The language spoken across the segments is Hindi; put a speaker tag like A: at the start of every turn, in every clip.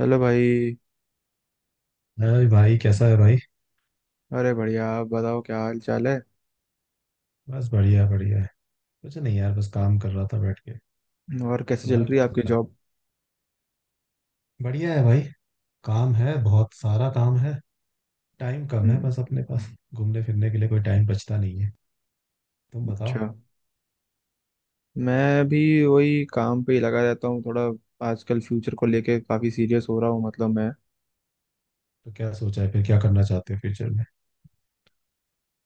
A: हेलो भाई।
B: अरे भाई, कैसा है भाई?
A: अरे बढ़िया, आप बताओ क्या हाल चाल है।
B: बस बढ़िया बढ़िया है। कुछ नहीं यार, बस काम कर रहा था बैठ के।
A: और कैसे चल
B: तुम्हारा
A: रही
B: क्या
A: है
B: चल
A: आपकी
B: रहा है?
A: जॉब?
B: बढ़िया है भाई। काम है, बहुत सारा काम है। टाइम कम है
A: हम्म,
B: बस अपने पास। घूमने फिरने के लिए कोई टाइम बचता नहीं है। तुम बताओ।
A: अच्छा। मैं भी वही काम पे ही लगा रहता हूँ थोड़ा। आजकल फ्यूचर को लेके काफ़ी सीरियस हो रहा हूँ मतलब मैं।
B: तो क्या सोचा है, फिर क्या करना चाहते हो फ्यूचर में?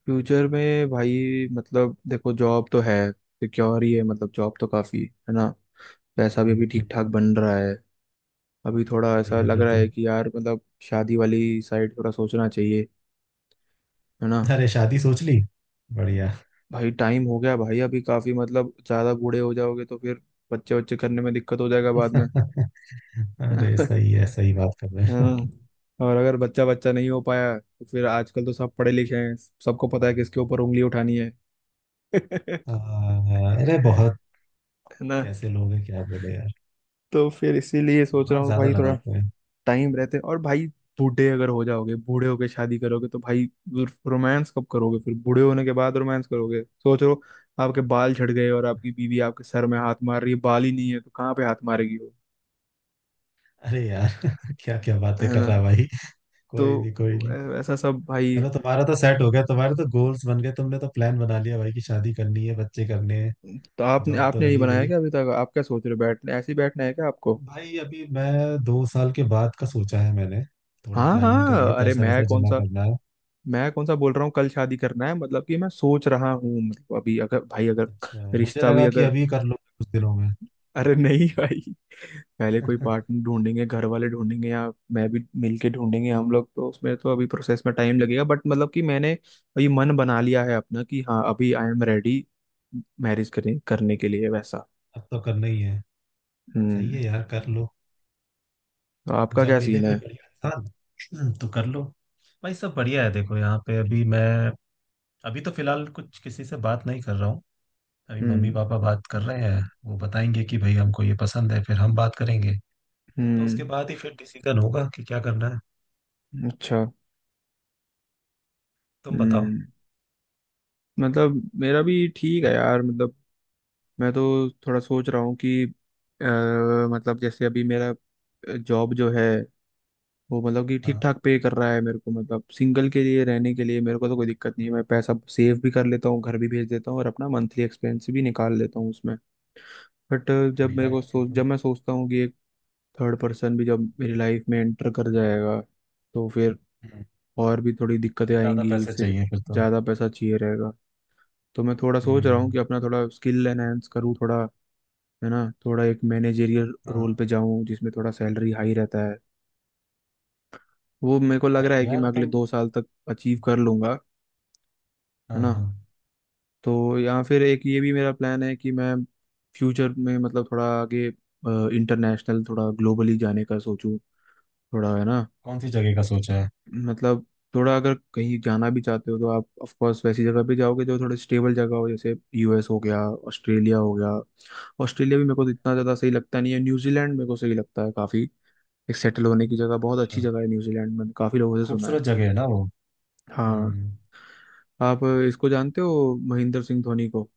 A: फ्यूचर में भाई मतलब देखो, जॉब तो है, सिक्योर ही है, मतलब जॉब तो काफ़ी है ना। पैसा भी अभी ठीक
B: हम्म।
A: ठाक बन रहा है। अभी थोड़ा ऐसा
B: बढ़िया
A: लग
B: फिर
A: रहा
B: तो।
A: है कि यार मतलब शादी वाली साइड थोड़ा सोचना चाहिए। है ना।
B: अरे शादी सोच ली? बढ़िया।
A: भाई टाइम हो गया भाई, अभी काफी मतलब ज्यादा बूढ़े हो जाओगे तो फिर बच्चे बच्चे करने में दिक्कत हो जाएगा बाद में।
B: अरे
A: है
B: सही है, सही बात कर रहे हैं।
A: ना। और अगर बच्चा बच्चा नहीं हो पाया तो फिर आजकल तो सब पढ़े लिखे हैं, सबको पता है किसके ऊपर उंगली उठानी है। है
B: अरे बहुत
A: ना।
B: कैसे लोग हैं, क्या बोले यार।
A: तो फिर इसीलिए सोच रहा
B: दिमाग
A: हूँ
B: ज्यादा
A: भाई थोड़ा
B: लगाते हैं।
A: टाइम रहते। और भाई बूढ़े अगर हो जाओगे, बूढ़े होके शादी करोगे तो भाई रोमांस कब करोगे? फिर बूढ़े होने के बाद रोमांस करोगे, सोच लो। आपके बाल झड़ गए और आपकी बीवी आपके सर में हाथ मार रही है, बाल ही नहीं है तो कहाँ पे हाथ मारेगी।
B: अरे यार। क्या क्या बातें
A: है
B: कर
A: ना।
B: रहा है भाई। कोई
A: तो
B: नहीं कोई नहीं।
A: ऐसा सब भाई।
B: चलो, तुम्हारा तो सेट हो गया, तुम्हारे तो गोल्स बन गए, तुमने तो प्लान बना लिया भाई कि शादी करनी है, बच्चे करने हैं।
A: तो आपने
B: जॉब तो
A: आपने नहीं
B: लगी
A: बनाया
B: गई
A: क्या अभी तक? आप क्या सोच रहे हो? बैठने, ऐसे ही बैठना है क्या आपको?
B: भाई। अभी मैं दो साल के बाद का सोचा है मैंने। थोड़ी
A: हाँ
B: प्लानिंग
A: हाँ,
B: करी है,
A: अरे
B: पैसा
A: मैं
B: वैसा
A: कौन
B: जमा
A: सा
B: करना है।
A: मैं कौन सा बोल रहा हूँ कल शादी करना है। मतलब कि मैं सोच रहा हूँ, मतलब अभी अगर भाई अगर
B: अच्छा, मुझे
A: रिश्ता भी
B: लगा कि
A: अगर,
B: अभी कर लो कुछ दिनों में।
A: अरे नहीं भाई, पहले कोई पार्टनर ढूंढेंगे, घर वाले ढूंढेंगे या मैं भी मिलके ढूंढेंगे हम लोग, तो उसमें तो अभी प्रोसेस में टाइम लगेगा। बट मतलब कि मैंने अभी मन बना लिया है अपना कि हाँ, अभी आई एम रेडी मैरिज करने करने के लिए वैसा।
B: अब तो करना ही है। सही
A: हम्म।
B: है यार, कर लो।
A: आपका
B: जब
A: क्या
B: मिले
A: सीन है?
B: कोई बढ़िया इंसान। तो कर लो। भाई सब बढ़िया है। देखो यहाँ पे, अभी मैं अभी तो फिलहाल कुछ किसी से बात नहीं कर रहा हूँ। अभी मम्मी
A: हम्म।
B: पापा बात कर रहे हैं, वो बताएंगे कि भाई हमको ये पसंद है, फिर हम बात करेंगे। तो उसके
A: हम्म।
B: बाद ही फिर डिसीजन होगा कि क्या करना है।
A: अच्छा।
B: तुम बताओ।
A: हम्म। मतलब मेरा भी ठीक है यार, मतलब मैं तो थोड़ा सोच रहा हूँ कि मतलब जैसे अभी मेरा जॉब जो है वो मतलब कि ठीक
B: हाँ।
A: ठाक पे कर रहा है मेरे को। मतलब सिंगल के लिए रहने के लिए मेरे को तो कोई दिक्कत नहीं है, मैं पैसा सेव भी कर लेता हूँ, घर भी भेज देता हूँ और अपना मंथली एक्सपेंस भी निकाल लेता हूँ उसमें। बट
B: बढ़िया है ये तो।
A: जब मैं सोचता हूँ कि एक थर्ड पर्सन भी जब मेरी लाइफ में एंटर कर जाएगा तो फिर
B: हम्म।
A: और भी थोड़ी दिक्कतें
B: ज्यादा
A: आएंगी
B: पैसे
A: फिर,
B: चाहिए फिर तो।
A: ज़्यादा पैसा चाहिए रहेगा। तो मैं थोड़ा सोच रहा हूँ
B: हम्म।
A: कि अपना थोड़ा स्किल एनहेंस करूँ थोड़ा, है ना, थोड़ा एक मैनेजेरियल
B: हाँ।
A: रोल पे जाऊँ जिसमें थोड़ा सैलरी हाई रहता है। वो मेरे को लग
B: सही
A: रहा है
B: है
A: कि
B: यार
A: मैं अगले
B: तुम।
A: 2 साल तक अचीव कर लूँगा।
B: हाँ
A: है ना।
B: हाँ।
A: तो या फिर एक ये भी मेरा प्लान है कि मैं फ्यूचर में मतलब थोड़ा आगे इंटरनेशनल, थोड़ा ग्लोबली जाने का सोचूं थोड़ा, है ना,
B: कौन सी जगह का सोचा है?
A: मतलब थोड़ा अगर कहीं जाना भी चाहते हो तो आप ऑफ कोर्स वैसी जगह पे जाओगे जो थोड़ी स्टेबल जगह हो, जैसे यूएस हो गया, ऑस्ट्रेलिया हो गया। ऑस्ट्रेलिया भी मेरे को इतना ज़्यादा सही लगता नहीं है। न्यूजीलैंड मेरे को सही लगता है काफ़ी, एक सेटल होने की जगह, बहुत अच्छी
B: अच्छा।
A: जगह है न्यूजीलैंड, मैंने काफ़ी लोगों से सुना है।
B: खूबसूरत जगह है ना वो?
A: हाँ।
B: हम्म।
A: आप इसको जानते हो, महेंद्र सिंह धोनी को?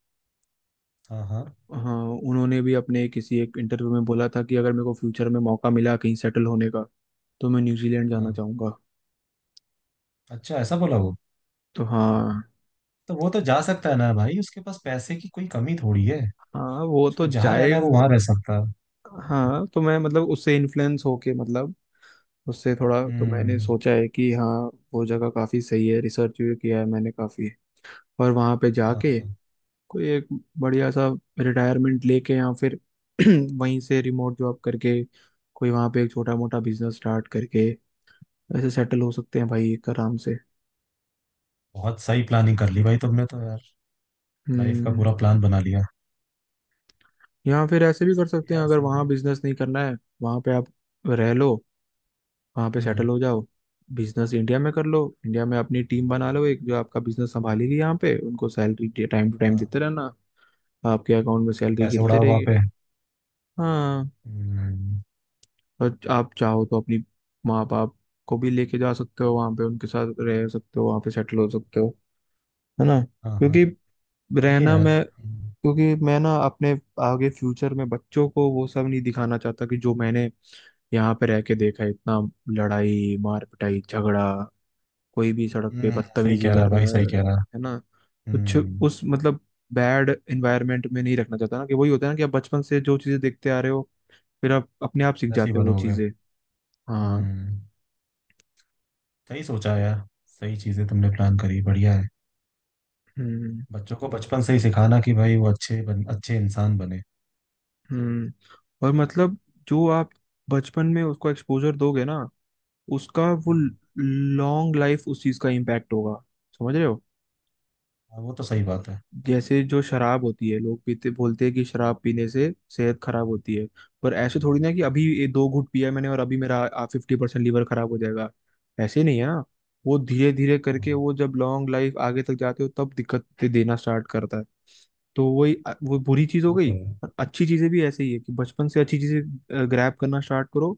B: हाँ हाँ।
A: हाँ। उन्होंने भी अपने किसी एक इंटरव्यू में बोला था कि अगर मेरे को फ्यूचर में मौका मिला कहीं सेटल होने का तो मैं न्यूजीलैंड जाना
B: हाँ।
A: चाहूँगा।
B: अच्छा, ऐसा बोला वो?
A: तो हाँ।
B: तो वो तो जा सकता है ना भाई, उसके पास पैसे की कोई कमी थोड़ी है।
A: हाँ वो
B: उसको
A: तो
B: जहाँ
A: जाए।
B: रहना है वो वहां रह सकता है।
A: हाँ तो मैं मतलब उससे इन्फ्लुएंस होके मतलब, उससे थोड़ा तो मैंने
B: हम्म।
A: सोचा है कि हाँ वो जगह काफ़ी सही है। रिसर्च भी किया है मैंने काफ़ी। और वहाँ पे
B: हाँ
A: जाके
B: हाँ।
A: कोई एक बढ़िया सा रिटायरमेंट लेके या फिर वहीं से रिमोट जॉब करके कोई वहाँ पे एक छोटा मोटा बिजनेस स्टार्ट करके ऐसे सेटल हो सकते हैं भाई एक आराम से।
B: बहुत सही प्लानिंग कर ली भाई तुमने तो यार। लाइफ का
A: हम्म।
B: पूरा प्लान बना लिया।
A: या फिर ऐसे भी कर
B: सही है
A: सकते हैं,
B: यार,
A: अगर
B: सही
A: वहाँ
B: है।
A: बिजनेस नहीं करना है, वहाँ पे आप रह लो, वहां पे सेटल
B: हम्म।
A: हो जाओ, बिजनेस इंडिया में कर लो, इंडिया में अपनी टीम बना लो एक जो आपका बिजनेस संभालेगी यहाँ पे, उनको सैलरी टाइम टू टाइम
B: हाँ।
A: देते रहना, आपके अकाउंट में
B: तो
A: सैलरी
B: पैसे
A: गिरते
B: उड़ाओ वहाँ
A: रहेगी।
B: पे।
A: हाँ।
B: हम्म।
A: और आप चाहो तो अपनी माँ बाप को भी लेके जा सकते हो वहाँ पे, उनके साथ रह सकते हो, वहाँ पे सेटल हो सकते हो। है ना,
B: हाँ हाँ। सही है
A: रहना
B: यार।
A: मैं
B: हम्म।
A: क्योंकि मैं ना अपने आगे फ्यूचर में बच्चों को वो सब नहीं दिखाना चाहता कि जो मैंने यहाँ पे रह के देखा है, इतना लड़ाई मार पिटाई झगड़ा, कोई भी सड़क पे
B: सही
A: बदतमीजी
B: कह रहा
A: कर
B: है भाई,
A: रहा
B: सही
A: है।
B: कह रहा है।
A: है ना। कुछ
B: हम्म।
A: उस मतलब बैड एनवायरनमेंट में नहीं रखना चाहता ना, कि वही होता है ना कि आप बचपन से जो चीजें देखते आ रहे हो फिर आप अपने आप सीख
B: ऐसे ही
A: जाते हो वो
B: बनोगे।
A: चीजें। हाँ।
B: हम्म। सही सोचा है यार, सही चीजें तुमने प्लान करी, बढ़िया है।
A: हम्म।
B: बच्चों को बचपन से ही सिखाना कि भाई वो अच्छे इंसान बने।
A: हम्म। और मतलब जो आप बचपन में उसको एक्सपोजर दोगे ना, उसका वो
B: हम्म।
A: लॉन्ग लाइफ उस चीज का इम्पैक्ट होगा। समझ रहे हो।
B: हाँ, वो तो सही बात है।
A: जैसे जो शराब होती है, लोग पीते बोलते हैं कि शराब पीने से सेहत खराब होती है, पर ऐसे थोड़ी ना कि अभी ये 2 घूंट पिया है मैंने और अभी मेरा 50% लीवर खराब हो जाएगा। ऐसे नहीं है ना। वो धीरे धीरे करके
B: हाँ,
A: वो जब लॉन्ग लाइफ आगे तक जाते हो तब दिक्कत देना स्टार्ट करता है। तो वही वो बुरी चीज हो
B: वो तो
A: गई।
B: है।
A: और अच्छी चीजें भी ऐसे ही है कि बचपन से अच्छी चीजें ग्रैब करना स्टार्ट करो,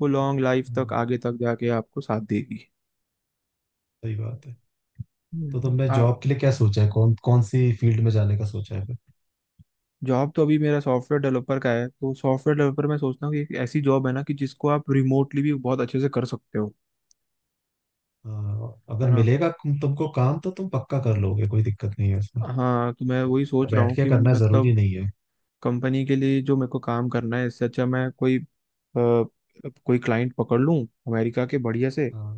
A: वो लॉन्ग लाइफ तक
B: हम्म,
A: आगे तक जाके आपको साथ देगी।
B: सही बात है। तो तुमने जॉब के लिए क्या सोचा है, कौन कौन सी फील्ड में जाने का सोचा है?
A: जॉब तो अभी मेरा सॉफ्टवेयर डेवलपर का है, तो सॉफ्टवेयर डेवलपर मैं सोचता हूँ कि एक ऐसी जॉब है ना कि जिसको आप रिमोटली भी बहुत अच्छे से कर सकते हो।
B: हाँ,
A: है
B: अगर
A: ना।
B: मिलेगा तुमको काम तो तुम पक्का कर लोगे, कोई दिक्कत नहीं है उसमें।
A: हाँ तो मैं वही सोच रहा
B: बैठ
A: हूँ
B: के
A: कि
B: करना जरूरी
A: मतलब
B: नहीं है।
A: कंपनी के लिए जो मेरे को काम करना है, इससे अच्छा मैं कोई कोई क्लाइंट पकड़ लूँ अमेरिका के बढ़िया से,
B: हाँ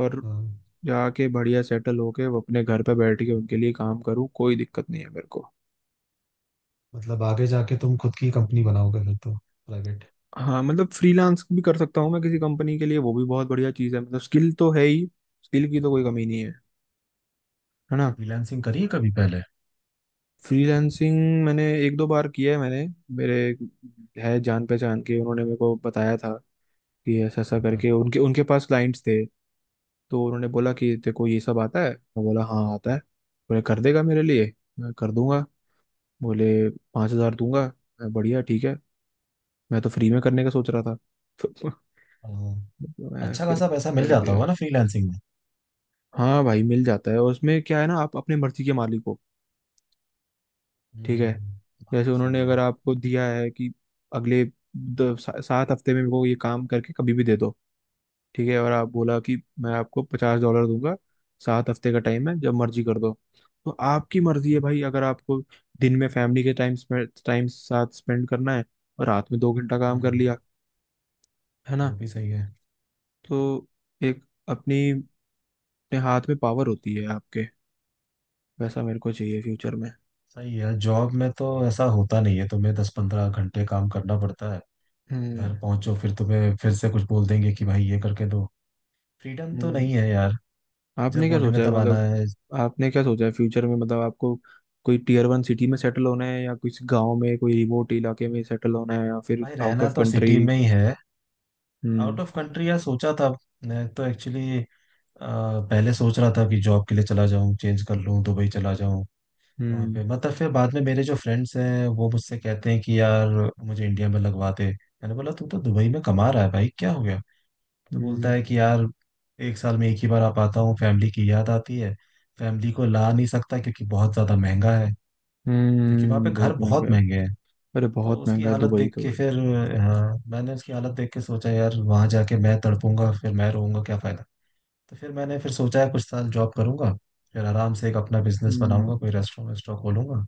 A: और
B: हाँ।
A: जाके बढ़िया सेटल होके वो अपने घर पे बैठ के उनके लिए काम करूँ, कोई दिक्कत नहीं है मेरे को।
B: मतलब आगे जाके तुम खुद की कंपनी बनाओगे फिर तो, प्राइवेट?
A: हाँ, मतलब फ्रीलांस भी कर सकता हूँ मैं किसी कंपनी के लिए, वो भी बहुत बढ़िया चीज़ है, मतलब स्किल तो है ही, स्किल की तो कोई कमी नहीं है। है ना।
B: फ्रीलांसिंग करी है कभी पहले?
A: फ्रीलांसिंग मैंने एक दो बार किया है मैंने, मेरे है जान पहचान के, उन्होंने मेरे को बताया था कि ऐसा ऐसा
B: हाँ
A: करके उनके उनके पास क्लाइंट्स थे। तो उन्होंने बोला कि तेरे को ये सब आता है, मैं बोला हाँ आता है, बोले कर देगा मेरे लिए, मैं कर दूंगा। बोले, 5,000 दूंगा। मैं बढ़िया ठीक है, मैं तो फ्री में करने का सोच रहा था। तो
B: हाँ।
A: मैं
B: अच्छा
A: फिर
B: खासा पैसा मिल
A: कर
B: जाता
A: दिया।
B: होगा ना फ्रीलांसिंग में?
A: हाँ भाई, मिल जाता है, और उसमें क्या है ना, आप अपनी मर्जी के मालिक हो। ठीक है।
B: हम्म, बात
A: जैसे
B: तो सही
A: उन्होंने अगर
B: है।
A: आपको दिया है कि अगले 7 हफ्ते में मेरे को ये काम करके कभी भी दे दो, ठीक है, और आप बोला कि मैं आपको $50 दूंगा, सात हफ्ते का टाइम है, जब मर्जी कर दो। तो आपकी मर्जी है भाई, अगर आपको दिन में फैमिली के टाइम टाइम साथ स्पेंड करना है, और रात में 2 घंटा काम कर
B: हम्म।
A: लिया, है ना।
B: वो भी सही है।
A: तो एक अपनी अपने हाथ में पावर होती है आपके। वैसा मेरे को चाहिए फ्यूचर में।
B: सही है, जॉब में तो ऐसा होता नहीं है, तुम्हें दस पंद्रह घंटे काम करना पड़ता है।
A: हम्म।
B: घर पहुंचो फिर तुम्हें फिर से कुछ बोल देंगे कि भाई ये करके दो। फ्रीडम तो
A: हम्म।
B: नहीं है यार।
A: आपने
B: जब
A: क्या
B: बोलेंगे
A: सोचा है
B: तब आना
A: मतलब
B: है।
A: आपने क्या सोचा है फ्यूचर में, मतलब आपको कोई टीयर वन सिटी में सेटल होना है या किसी गांव में कोई रिमोट इलाके में सेटल होना है या फिर
B: भाई
A: आउट
B: रहना
A: ऑफ
B: तो
A: कंट्री?
B: सिटी में ही है।
A: हम्म।
B: आउट ऑफ कंट्री यार सोचा था। मैं तो एक्चुअली पहले सोच रहा था कि जॉब के लिए चला जाऊं, चेंज कर लूं, दुबई चला जाऊं। वहां
A: हम्म।
B: पे मतलब फिर बाद में, मेरे जो फ्रेंड्स हैं वो मुझसे कहते हैं कि यार मुझे इंडिया में लगवा दे। मैंने बोला तू तो दुबई में कमा रहा है भाई, क्या हो गया? तो बोलता
A: हम्म।
B: है कि यार एक साल में एक ही बार आ पाता हूँ, फैमिली की याद आती है। फैमिली को ला नहीं सकता, क्योंकि बहुत ज्यादा महंगा है। क्योंकि वहां पे
A: हम्म।
B: घर
A: बहुत महंगा
B: बहुत
A: है।
B: महंगे हैं।
A: अरे
B: तो
A: बहुत
B: उसकी
A: महंगा है
B: हालत
A: दुबई
B: देख
A: तो
B: के
A: भाई।
B: फिर हाँ, मैंने उसकी हालत देख के सोचा यार वहां जाके मैं तड़पूंगा, फिर मैं रोऊंगा, क्या फायदा। तो फिर मैंने फिर सोचा है कुछ साल जॉब करूंगा, फिर आराम से एक अपना बिजनेस
A: हम्म।
B: बनाऊंगा, कोई रेस्टोरेंट वेस्टोरेंट खोलूंगा।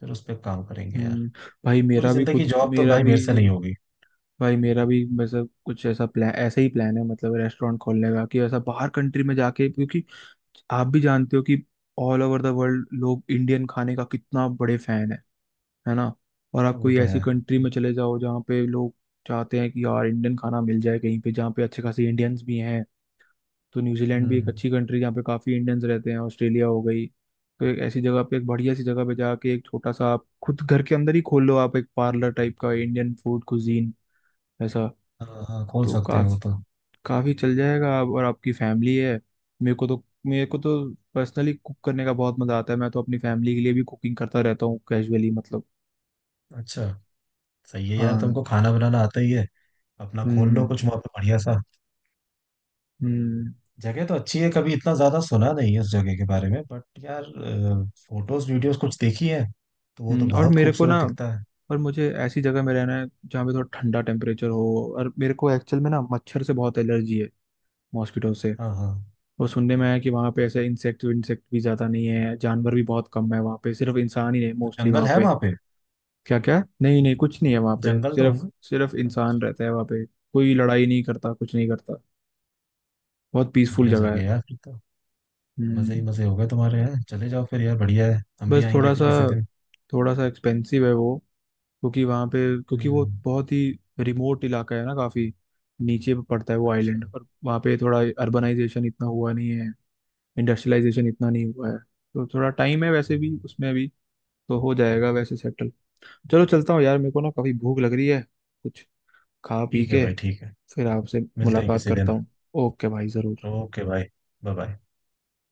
B: फिर उस पर काम करेंगे यार।
A: हम्म। भाई
B: पूरी
A: मेरा भी
B: जिंदगी
A: खुद
B: जॉब तो
A: मेरा
B: भाई
A: भी
B: मेरे से नहीं होगी।
A: भाई मेरा भी मतलब कुछ ऐसा प्लान ऐसा ही प्लान है, मतलब रेस्टोरेंट खोलने का, कि ऐसा बाहर कंट्री में जाके, क्योंकि आप भी जानते हो कि ऑल ओवर द वर्ल्ड लोग इंडियन खाने का कितना बड़े फैन है। है ना। और
B: हाँ
A: आप
B: वो
A: कोई
B: तो है।
A: ऐसी कंट्री में चले जाओ जहाँ पे लोग चाहते हैं कि यार इंडियन खाना मिल जाए कहीं पे, जहाँ पे अच्छे खासे इंडियंस भी हैं। तो न्यूजीलैंड भी एक
B: हम्म।
A: अच्छी कंट्री, जहाँ पे काफ़ी इंडियंस रहते हैं, ऑस्ट्रेलिया हो गई। तो एक ऐसी जगह पे, एक बढ़िया सी जगह पे जाके एक छोटा सा आप खुद घर के अंदर ही खोल लो आप, एक पार्लर टाइप का इंडियन फूड कुजीन ऐसा।
B: हाँ हाँ, खोल
A: तो
B: सकते हो
A: काफ़ी
B: तो।
A: काफ़ी चल जाएगा। आप और आपकी फैमिली है। मेरे को तो पर्सनली कुक करने का बहुत मज़ा आता है, मैं तो अपनी फैमिली के लिए भी कुकिंग करता रहता हूँ कैजुअली मतलब।
B: अच्छा। सही है यार,
A: हाँ।
B: तुमको खाना बनाना आता ही है। अपना खोल लो
A: हम्म।
B: कुछ वहाँ पे बढ़िया सा।
A: हम्म।
B: जगह तो अच्छी है, कभी इतना ज्यादा सुना नहीं है उस जगह के बारे में बट यार फोटोज वीडियोस कुछ देखी है, तो वो तो
A: और
B: बहुत
A: मेरे को ना,
B: खूबसूरत दिखता है।
A: और मुझे ऐसी जगह में रहना है जहाँ पे थोड़ा ठंडा टेम्परेचर हो। और मेरे को एक्चुअल में ना मच्छर से बहुत एलर्जी है, मॉस्किटो से।
B: हाँ हाँ।
A: और सुनने में आया है कि वहाँ पे ऐसे इंसेक्ट इंसेक्ट भी ज़्यादा नहीं है, जानवर भी बहुत कम है वहाँ पे, सिर्फ इंसान ही है
B: तो
A: मोस्टली
B: जंगल
A: वहाँ
B: है
A: पे।
B: वहां पे?
A: क्या क्या नहीं नहीं, कुछ नहीं है वहाँ पे,
B: जंगल तो
A: सिर्फ
B: होंगे।
A: सिर्फ इंसान
B: अच्छा।
A: रहता है वहाँ पे, कोई लड़ाई नहीं करता, कुछ नहीं करता, बहुत पीसफुल
B: बढ़िया
A: जगह
B: जगह
A: है।
B: है यार फिर तो। मजे
A: हम्म।
B: ही मजे हो गए तुम्हारे, यहाँ चले जाओ फिर यार, बढ़िया है, हम भी
A: बस
B: आएंगे
A: थोड़ा
B: फिर
A: सा
B: किसी दिन।
A: थोड़ा सा एक्सपेंसिव है वो, क्योंकि वहाँ पे क्योंकि वो
B: हम्म।
A: बहुत ही रिमोट इलाका है ना, काफी नीचे पे पड़ता है वो
B: अच्छा।
A: आइलैंड, और वहाँ पे थोड़ा अर्बनाइजेशन इतना हुआ नहीं है, इंडस्ट्रियलाइजेशन इतना नहीं हुआ है, तो थोड़ा टाइम है वैसे
B: हम्म,
A: भी उसमें भी। तो हो जाएगा वैसे सेटल। चलो चलता हूँ यार, मेरे को ना काफी भूख लग रही है, कुछ खा पी
B: ठीक है
A: के
B: भाई, ठीक है।
A: फिर आपसे
B: मिलते हैं
A: मुलाकात
B: किसी
A: करता
B: दिन।
A: हूँ। ओके भाई जरूर।
B: ओके भाई। Bye bye.